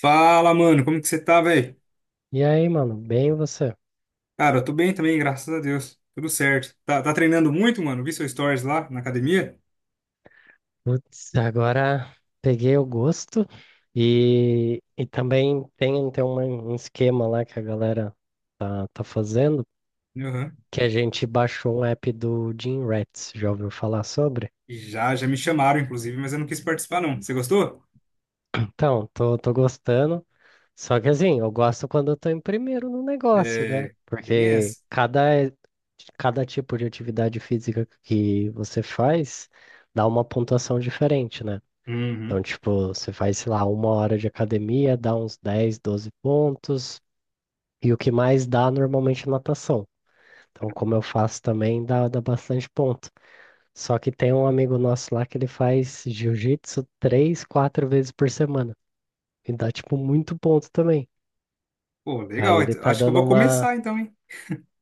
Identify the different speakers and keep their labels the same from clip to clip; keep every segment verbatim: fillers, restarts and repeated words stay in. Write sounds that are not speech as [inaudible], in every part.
Speaker 1: Fala, mano, como que você tá, velho?
Speaker 2: E aí, mano, bem você?
Speaker 1: Cara, eu tô bem também, graças a Deus. Tudo certo. Tá, tá treinando muito, mano? Vi seu stories lá na academia.
Speaker 2: Putz, agora peguei o gosto e, e também tem, tem uma- um esquema lá que a galera tá, tá fazendo,
Speaker 1: Aham.
Speaker 2: que a gente baixou um app do Gym Rats, já ouviu falar sobre?
Speaker 1: Já, já me chamaram, inclusive, mas eu não quis participar, não. Você gostou?
Speaker 2: Então, tô, tô gostando, só que assim, eu gosto quando eu tô em primeiro no negócio, né?
Speaker 1: É, tem
Speaker 2: Porque
Speaker 1: essa.
Speaker 2: cada, cada tipo de atividade física que você faz dá uma pontuação diferente, né? Então,
Speaker 1: Uhum.
Speaker 2: tipo, você faz, sei lá, uma hora de academia, dá uns dez, doze pontos, e o que mais dá normalmente é natação. Então, como eu faço também, dá, dá bastante ponto. Só que tem um amigo nosso lá que ele faz jiu-jitsu três, quatro vezes por semana. E dá, tipo, muito ponto também.
Speaker 1: Pô,
Speaker 2: Aí
Speaker 1: legal.
Speaker 2: ele
Speaker 1: Então,
Speaker 2: tá
Speaker 1: acho que eu
Speaker 2: dando
Speaker 1: vou
Speaker 2: uma,
Speaker 1: começar, então, hein?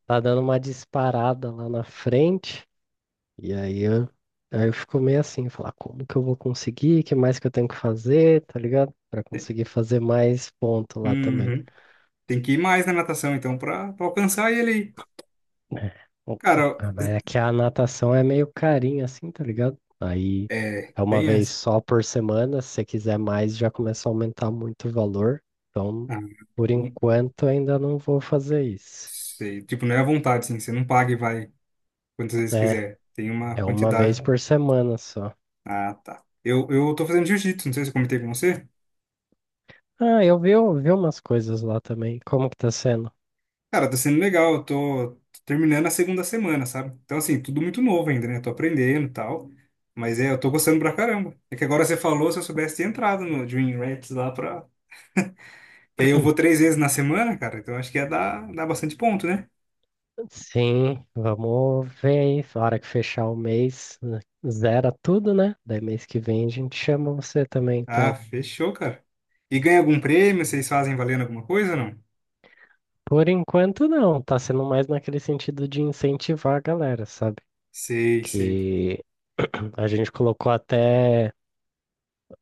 Speaker 2: tá dando uma disparada lá na frente, e aí eu, aí eu fico meio assim, falar, como que eu vou conseguir? O que mais que eu tenho que fazer, tá ligado? Pra
Speaker 1: Te-
Speaker 2: conseguir fazer mais ponto lá também.
Speaker 1: Uhum. Tem que ir mais na natação, então, pra, pra alcançar ele aí.
Speaker 2: É. O-
Speaker 1: Cara,
Speaker 2: ah, Mas é que a natação é meio carinha, assim, tá ligado? Aí
Speaker 1: é,
Speaker 2: é uma
Speaker 1: tem
Speaker 2: vez
Speaker 1: essa.
Speaker 2: só por semana. Se você quiser mais, já começa a aumentar muito o valor. Então,
Speaker 1: Ah,
Speaker 2: por
Speaker 1: não
Speaker 2: enquanto, ainda não vou fazer isso.
Speaker 1: sei. Tipo, não é à vontade, assim. Você não paga e vai quantas vezes
Speaker 2: É,
Speaker 1: quiser. Tem uma
Speaker 2: é uma vez
Speaker 1: quantidade.
Speaker 2: por semana só.
Speaker 1: Ah, tá. Eu, eu tô fazendo jiu-jitsu, não sei se eu comentei com você.
Speaker 2: Ah, eu vi, eu vi umas coisas lá também. Como que tá sendo?
Speaker 1: Cara, tá sendo legal, eu tô terminando a segunda semana, sabe? Então, assim, tudo muito novo ainda, né? Tô aprendendo e tal. Mas é, eu tô gostando pra caramba. É que agora você falou, se eu soubesse ter entrado no Dream Rats lá pra. Que aí eu vou
Speaker 2: [clears throat]
Speaker 1: três vezes na semana, cara, então acho que ia dar, dar bastante ponto, né?
Speaker 2: Sim, vamos ver aí. Na hora que fechar o mês, né, zera tudo, né? Daí mês que vem a gente chama você também,
Speaker 1: Ah,
Speaker 2: então.
Speaker 1: fechou, cara. E ganha algum prêmio? Vocês fazem valendo alguma coisa ou não?
Speaker 2: Por enquanto, não. Tá sendo mais naquele sentido de incentivar a galera, sabe?
Speaker 1: Sei, sei.
Speaker 2: Que [clears throat] a gente colocou até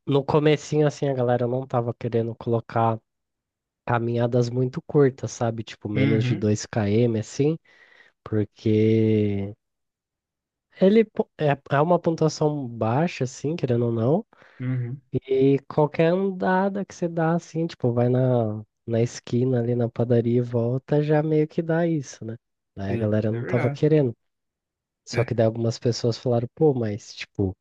Speaker 2: no comecinho, assim, a galera não tava querendo colocar caminhadas muito curtas, sabe? Tipo, menos de
Speaker 1: Uhum,
Speaker 2: dois km, assim, porque ele po- é é uma pontuação baixa, assim, querendo ou não,
Speaker 1: uhum.
Speaker 2: e qualquer andada que você dá, assim, tipo, vai na, na esquina ali na padaria e volta, já meio que dá isso, né? Daí a
Speaker 1: Sim,
Speaker 2: galera
Speaker 1: é
Speaker 2: não tava
Speaker 1: verdade.
Speaker 2: querendo. Só
Speaker 1: É.
Speaker 2: que daí algumas pessoas falaram, pô, mas tipo,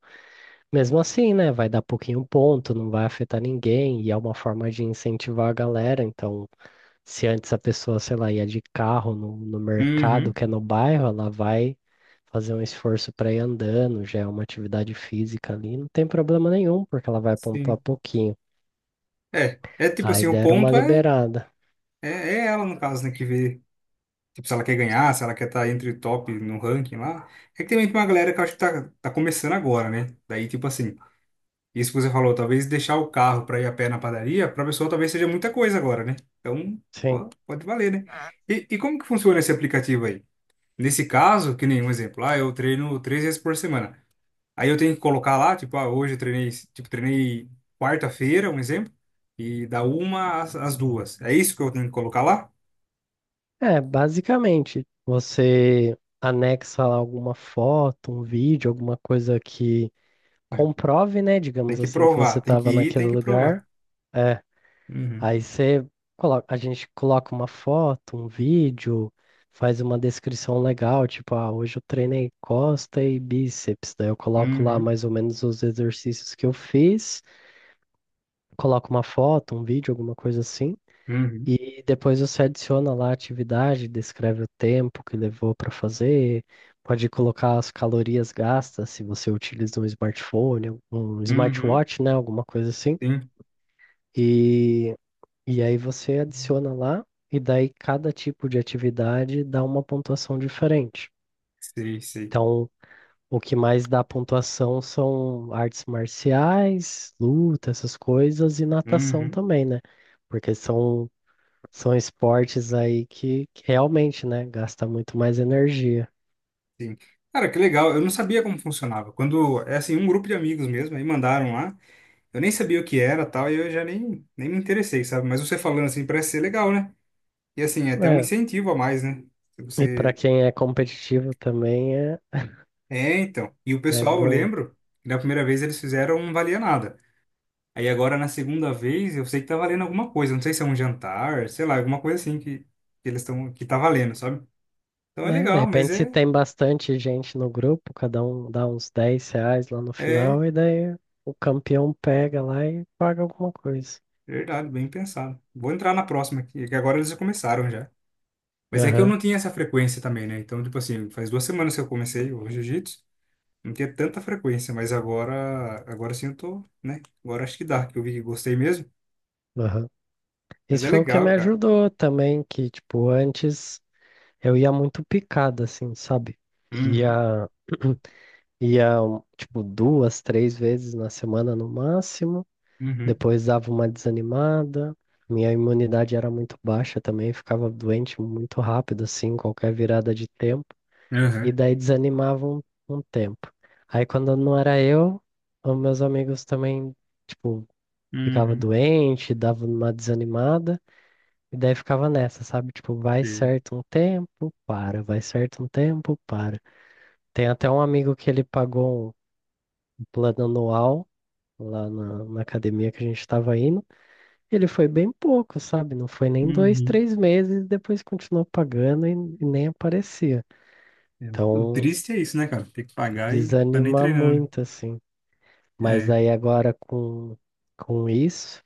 Speaker 2: mesmo assim, né? Vai dar pouquinho ponto, não vai afetar ninguém, e é uma forma de incentivar a galera. Então, se antes a pessoa, sei lá, ia de carro no, no mercado,
Speaker 1: Uhum,
Speaker 2: que é no bairro, ela vai fazer um esforço para ir andando, já é uma atividade física ali, não tem problema nenhum, porque ela vai pontuar
Speaker 1: sim.
Speaker 2: pouquinho.
Speaker 1: É, é tipo
Speaker 2: Aí
Speaker 1: assim, o
Speaker 2: deram uma
Speaker 1: ponto é
Speaker 2: liberada.
Speaker 1: É, é ela, no caso, né, que vê, tipo, se ela quer ganhar, se ela quer estar entre o top no ranking lá. É que também tem uma galera que eu acho que tá, tá começando agora, né? Daí, tipo assim, isso que você falou, talvez deixar o carro pra ir a pé na padaria, pra pessoa talvez seja muita coisa agora, né? Então,
Speaker 2: Sim.
Speaker 1: pode, pode valer, né? E, e como que funciona esse aplicativo aí? Nesse caso, que nem um exemplo, ah, eu treino três vezes por semana. Aí eu tenho que colocar lá, tipo, ah, hoje eu treinei, tipo, treinei quarta-feira, um exemplo, e da uma às, às duas. É isso que eu tenho que colocar lá?
Speaker 2: É, basicamente, você anexa lá alguma foto, um vídeo, alguma coisa que comprove, né,
Speaker 1: Tem
Speaker 2: digamos
Speaker 1: que
Speaker 2: assim, que você
Speaker 1: provar, tem que
Speaker 2: estava
Speaker 1: ir,
Speaker 2: naquele
Speaker 1: tem que provar.
Speaker 2: lugar. É,
Speaker 1: Uhum,
Speaker 2: aí você coloca, a gente coloca uma foto, um vídeo, faz uma descrição legal, tipo, ah, hoje eu treinei costa e bíceps. Daí eu coloco lá
Speaker 1: uhum,
Speaker 2: mais ou menos os exercícios que eu fiz, coloco uma foto, um vídeo, alguma coisa assim.
Speaker 1: uhum,
Speaker 2: E depois você adiciona lá a atividade, descreve o tempo que levou para fazer, pode colocar as calorias gastas, se você utiliza um smartphone, um
Speaker 1: uhum.
Speaker 2: smartwatch, né, alguma coisa assim.
Speaker 1: Sim,
Speaker 2: E, e aí você adiciona lá, e daí cada tipo de atividade dá uma pontuação diferente.
Speaker 1: sei, sei.
Speaker 2: Então, o que mais dá pontuação são artes marciais, luta, essas coisas, e natação
Speaker 1: Uhum,
Speaker 2: também, né? Porque são são esportes aí que, que realmente, né, gasta muito mais energia.
Speaker 1: sim. Cara, que legal. Eu não sabia como funcionava. Quando, é assim, um grupo de amigos mesmo, aí mandaram lá. Eu nem sabia o que era, tal, e eu já nem, nem me interessei, sabe? Mas você falando assim, parece ser legal, né? E assim, é até um
Speaker 2: É,
Speaker 1: incentivo a mais, né? Se
Speaker 2: e para
Speaker 1: você.
Speaker 2: quem é competitivo também é,
Speaker 1: É, então. E o
Speaker 2: é
Speaker 1: pessoal, eu
Speaker 2: bom,
Speaker 1: lembro, que da primeira vez eles fizeram um valia nada. Aí agora na segunda vez, eu sei que tá valendo alguma coisa, não sei se é um jantar, sei lá, alguma coisa assim que, que eles estão que tá valendo, sabe? Então é
Speaker 2: né? De
Speaker 1: legal, mas
Speaker 2: repente, se
Speaker 1: é
Speaker 2: tem bastante gente no grupo, cada um dá uns dez reais lá no
Speaker 1: é
Speaker 2: final, e daí o campeão pega lá e paga alguma coisa.
Speaker 1: verdade, bem pensado. Vou entrar na próxima aqui, que agora eles já começaram já. Mas é que eu
Speaker 2: Aham,
Speaker 1: não tinha essa frequência também, né? Então, tipo assim, faz duas semanas que eu comecei o jiu-jitsu, não tinha tanta frequência, mas agora agora sim eu tô, né? Agora acho que dá, que eu vi que gostei mesmo,
Speaker 2: aham.
Speaker 1: mas
Speaker 2: Isso
Speaker 1: é
Speaker 2: foi o que me
Speaker 1: legal, cara.
Speaker 2: ajudou também, que, tipo, antes eu ia muito picado, assim, sabe?
Speaker 1: Uhum,
Speaker 2: Ia, ia, um, tipo, duas, três vezes na semana no máximo.
Speaker 1: uhum,
Speaker 2: Depois dava uma desanimada. Minha imunidade era muito baixa também, ficava doente muito rápido, assim, qualquer virada de tempo. E
Speaker 1: uhum,
Speaker 2: daí desanimava um, um tempo. Aí quando não era eu, os meus amigos também, tipo, ficava
Speaker 1: uhum,
Speaker 2: doente, dava uma desanimada. E daí ficava nessa, sabe? Tipo, vai
Speaker 1: sim.
Speaker 2: certo um tempo, para, vai certo um tempo, para. Tem até um amigo que ele pagou um plano anual lá na, na academia que a gente estava indo. Ele foi bem pouco, sabe? Não foi nem dois,
Speaker 1: Uhum.
Speaker 2: três meses, depois continuou pagando e e nem aparecia.
Speaker 1: É, o
Speaker 2: Então,
Speaker 1: triste é isso, né, cara? Tem que pagar e tá nem
Speaker 2: desanima
Speaker 1: treinando.
Speaker 2: muito, assim. Mas
Speaker 1: É,
Speaker 2: daí agora com, com isso,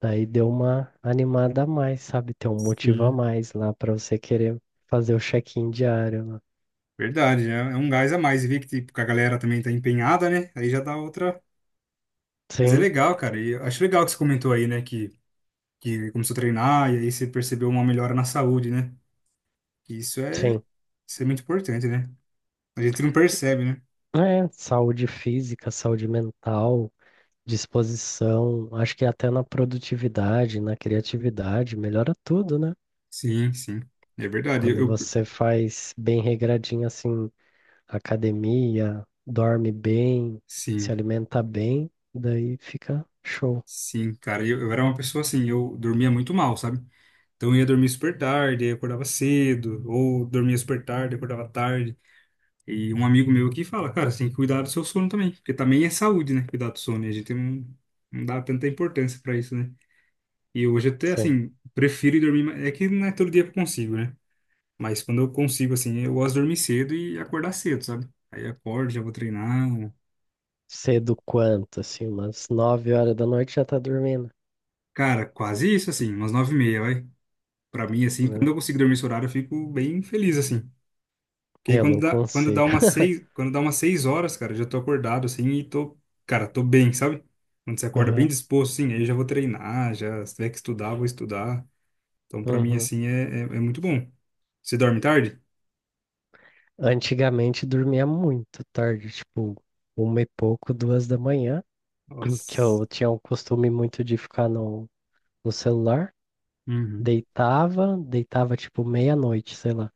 Speaker 2: daí deu uma animada a mais, sabe? Tem um motivo a
Speaker 1: sim.
Speaker 2: mais lá para você querer fazer o check-in diário lá.
Speaker 1: Verdade, é é um gás a mais. E ver que, tipo, que a galera também tá empenhada, né? Aí já dá outra. Mas é
Speaker 2: Sim,
Speaker 1: legal, cara. E eu acho legal que você comentou aí, né? Que, que começou a treinar e aí você percebeu uma melhora na saúde, né? E Isso é
Speaker 2: sim.
Speaker 1: isso é muito importante, né? A gente não percebe, né?
Speaker 2: É, saúde física, saúde mental, disposição, acho que até na produtividade, na criatividade, melhora tudo, né?
Speaker 1: Sim, sim. É verdade. Eu,
Speaker 2: Quando
Speaker 1: eu-
Speaker 2: você faz bem regradinho assim, academia, dorme bem, se
Speaker 1: sim,
Speaker 2: alimenta bem, daí fica show.
Speaker 1: sim, cara. Eu, eu era uma pessoa assim, eu dormia muito mal, sabe? Então eu ia dormir super tarde, aí eu acordava cedo, ou dormia super tarde, acordava tarde. E um amigo meu aqui fala, cara, você tem que cuidar do seu sono também, porque também é saúde, né? Cuidar do sono, e a gente não, não dá tanta importância pra isso, né? E hoje até,
Speaker 2: Sim.
Speaker 1: assim, prefiro ir dormir, mais- é que não é todo dia que eu consigo, né? Mas quando eu consigo, assim, eu gosto de dormir cedo e acordar cedo, sabe? Aí eu acordo, já vou treinar.
Speaker 2: Cedo quanto, assim, umas nove horas da noite já tá dormindo,
Speaker 1: Cara, quase isso, assim, umas nove e meia, vai. Pra mim, assim, quando
Speaker 2: né?
Speaker 1: eu consigo dormir esse horário, eu fico bem feliz, assim. Porque aí
Speaker 2: Eu
Speaker 1: quando
Speaker 2: não
Speaker 1: dá, quando dá
Speaker 2: consigo.
Speaker 1: umas
Speaker 2: [laughs]
Speaker 1: seis, quando dá umas seis horas, cara, eu já tô acordado assim e tô, cara, tô bem, sabe? Quando você acorda bem
Speaker 2: Aham,
Speaker 1: disposto, assim, aí eu já vou treinar, já se tiver que estudar, vou estudar. Então, pra mim,
Speaker 2: uhum.
Speaker 1: assim, é, é, é muito bom. Você dorme tarde?
Speaker 2: Antigamente dormia muito tarde, tipo, uma e pouco, duas da manhã, que
Speaker 1: Nossa.
Speaker 2: eu tinha o costume muito de ficar no, no celular.
Speaker 1: Uhum.
Speaker 2: Deitava, deitava tipo meia-noite, sei lá.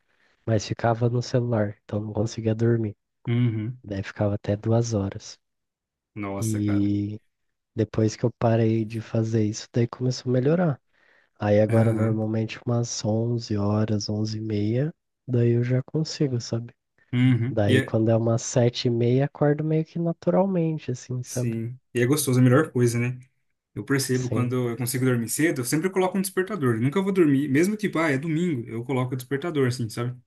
Speaker 2: Mas ficava no celular, então não conseguia dormir.
Speaker 1: Uhum.
Speaker 2: Daí ficava até duas horas.
Speaker 1: Nossa, cara.
Speaker 2: E depois que eu parei de fazer isso, daí começou a melhorar. Aí agora
Speaker 1: Aham.
Speaker 2: normalmente umas onze horas, onze e meia, daí eu já consigo, sabe?
Speaker 1: Uhum. E
Speaker 2: Daí
Speaker 1: é,
Speaker 2: quando é umas sete e meia, acordo meio que naturalmente, assim, sabe?
Speaker 1: sim. E é gostoso, é a melhor coisa, né? Eu percebo
Speaker 2: Sim.
Speaker 1: quando eu consigo dormir cedo, eu sempre coloco um despertador. Eu nunca vou dormir, mesmo tipo, ah, é domingo, eu coloco o despertador, assim, sabe?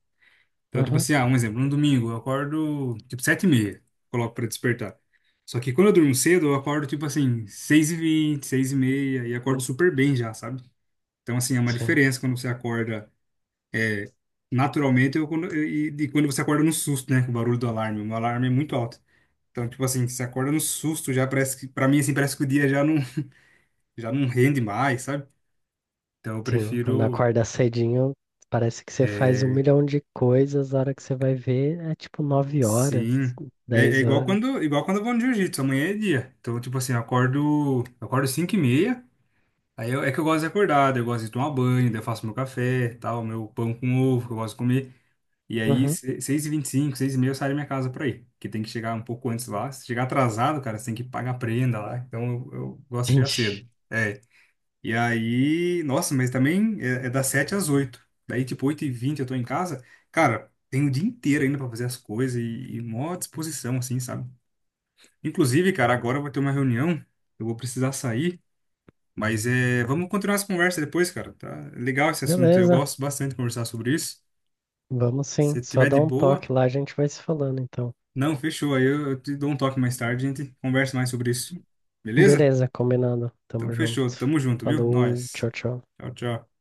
Speaker 1: Então, tipo
Speaker 2: Uhum.
Speaker 1: assim, ah, um exemplo, no domingo eu acordo tipo sete e meia, coloco pra despertar. Só que quando eu durmo cedo, eu acordo tipo assim, seis e vinte, seis e meia, e acordo super bem já, sabe? Então, assim, é uma
Speaker 2: Sim.
Speaker 1: diferença quando você acorda naturalmente ou quando, e, e quando você acorda no susto, né? Com o barulho do alarme. O meu alarme é muito alto. Então, tipo assim, você acorda no susto, já parece que, pra mim, assim, parece que o dia já não, já não, rende mais, sabe? Então, eu
Speaker 2: Sim, quando
Speaker 1: prefiro
Speaker 2: acorda cedinho, parece que você faz
Speaker 1: é,
Speaker 2: um milhão de coisas, a hora que você vai ver é tipo nove horas,
Speaker 1: sim. É, é
Speaker 2: dez
Speaker 1: igual
Speaker 2: horas.
Speaker 1: quando, igual quando eu vou no jiu-jitsu, amanhã é dia. Então, tipo assim, eu acordo, eu acordo cinco e meia, aí eu- é que eu gosto de acordar, daí eu gosto de tomar banho, daí eu faço meu café, tal, meu pão com ovo, que eu gosto de comer. E aí,
Speaker 2: Uhum.
Speaker 1: seis e vinte e cinco, seis e meia eu saio da minha casa pra ir, que tem que chegar um pouco antes lá. Se chegar atrasado, cara, você tem que pagar a prenda lá. Então, eu, eu gosto de chegar
Speaker 2: Gente,
Speaker 1: cedo. É, e aí, nossa, mas também é, é das sete às oito. Daí, tipo, oito e vinte, eu tô em casa. Cara, tem o dia inteiro ainda pra fazer as coisas e, e mó disposição, assim, sabe? Inclusive, cara, agora eu vou ter uma reunião. Eu vou precisar sair. Mas é, vamos continuar essa conversa depois, cara. Tá. É legal esse assunto. Eu
Speaker 2: beleza.
Speaker 1: gosto bastante de conversar sobre isso.
Speaker 2: Vamos sim.
Speaker 1: Se
Speaker 2: Só
Speaker 1: tiver
Speaker 2: dá
Speaker 1: de
Speaker 2: um
Speaker 1: boa,
Speaker 2: toque lá, a gente vai se falando então.
Speaker 1: não, fechou. Aí eu, eu te dou um toque mais tarde, a gente conversa mais sobre isso. Beleza?
Speaker 2: Beleza, combinado.
Speaker 1: Então,
Speaker 2: Tamo
Speaker 1: fechou.
Speaker 2: junto.
Speaker 1: Tamo junto, viu?
Speaker 2: Falou,
Speaker 1: Nós.
Speaker 2: tchau, tchau.
Speaker 1: Tchau, tchau.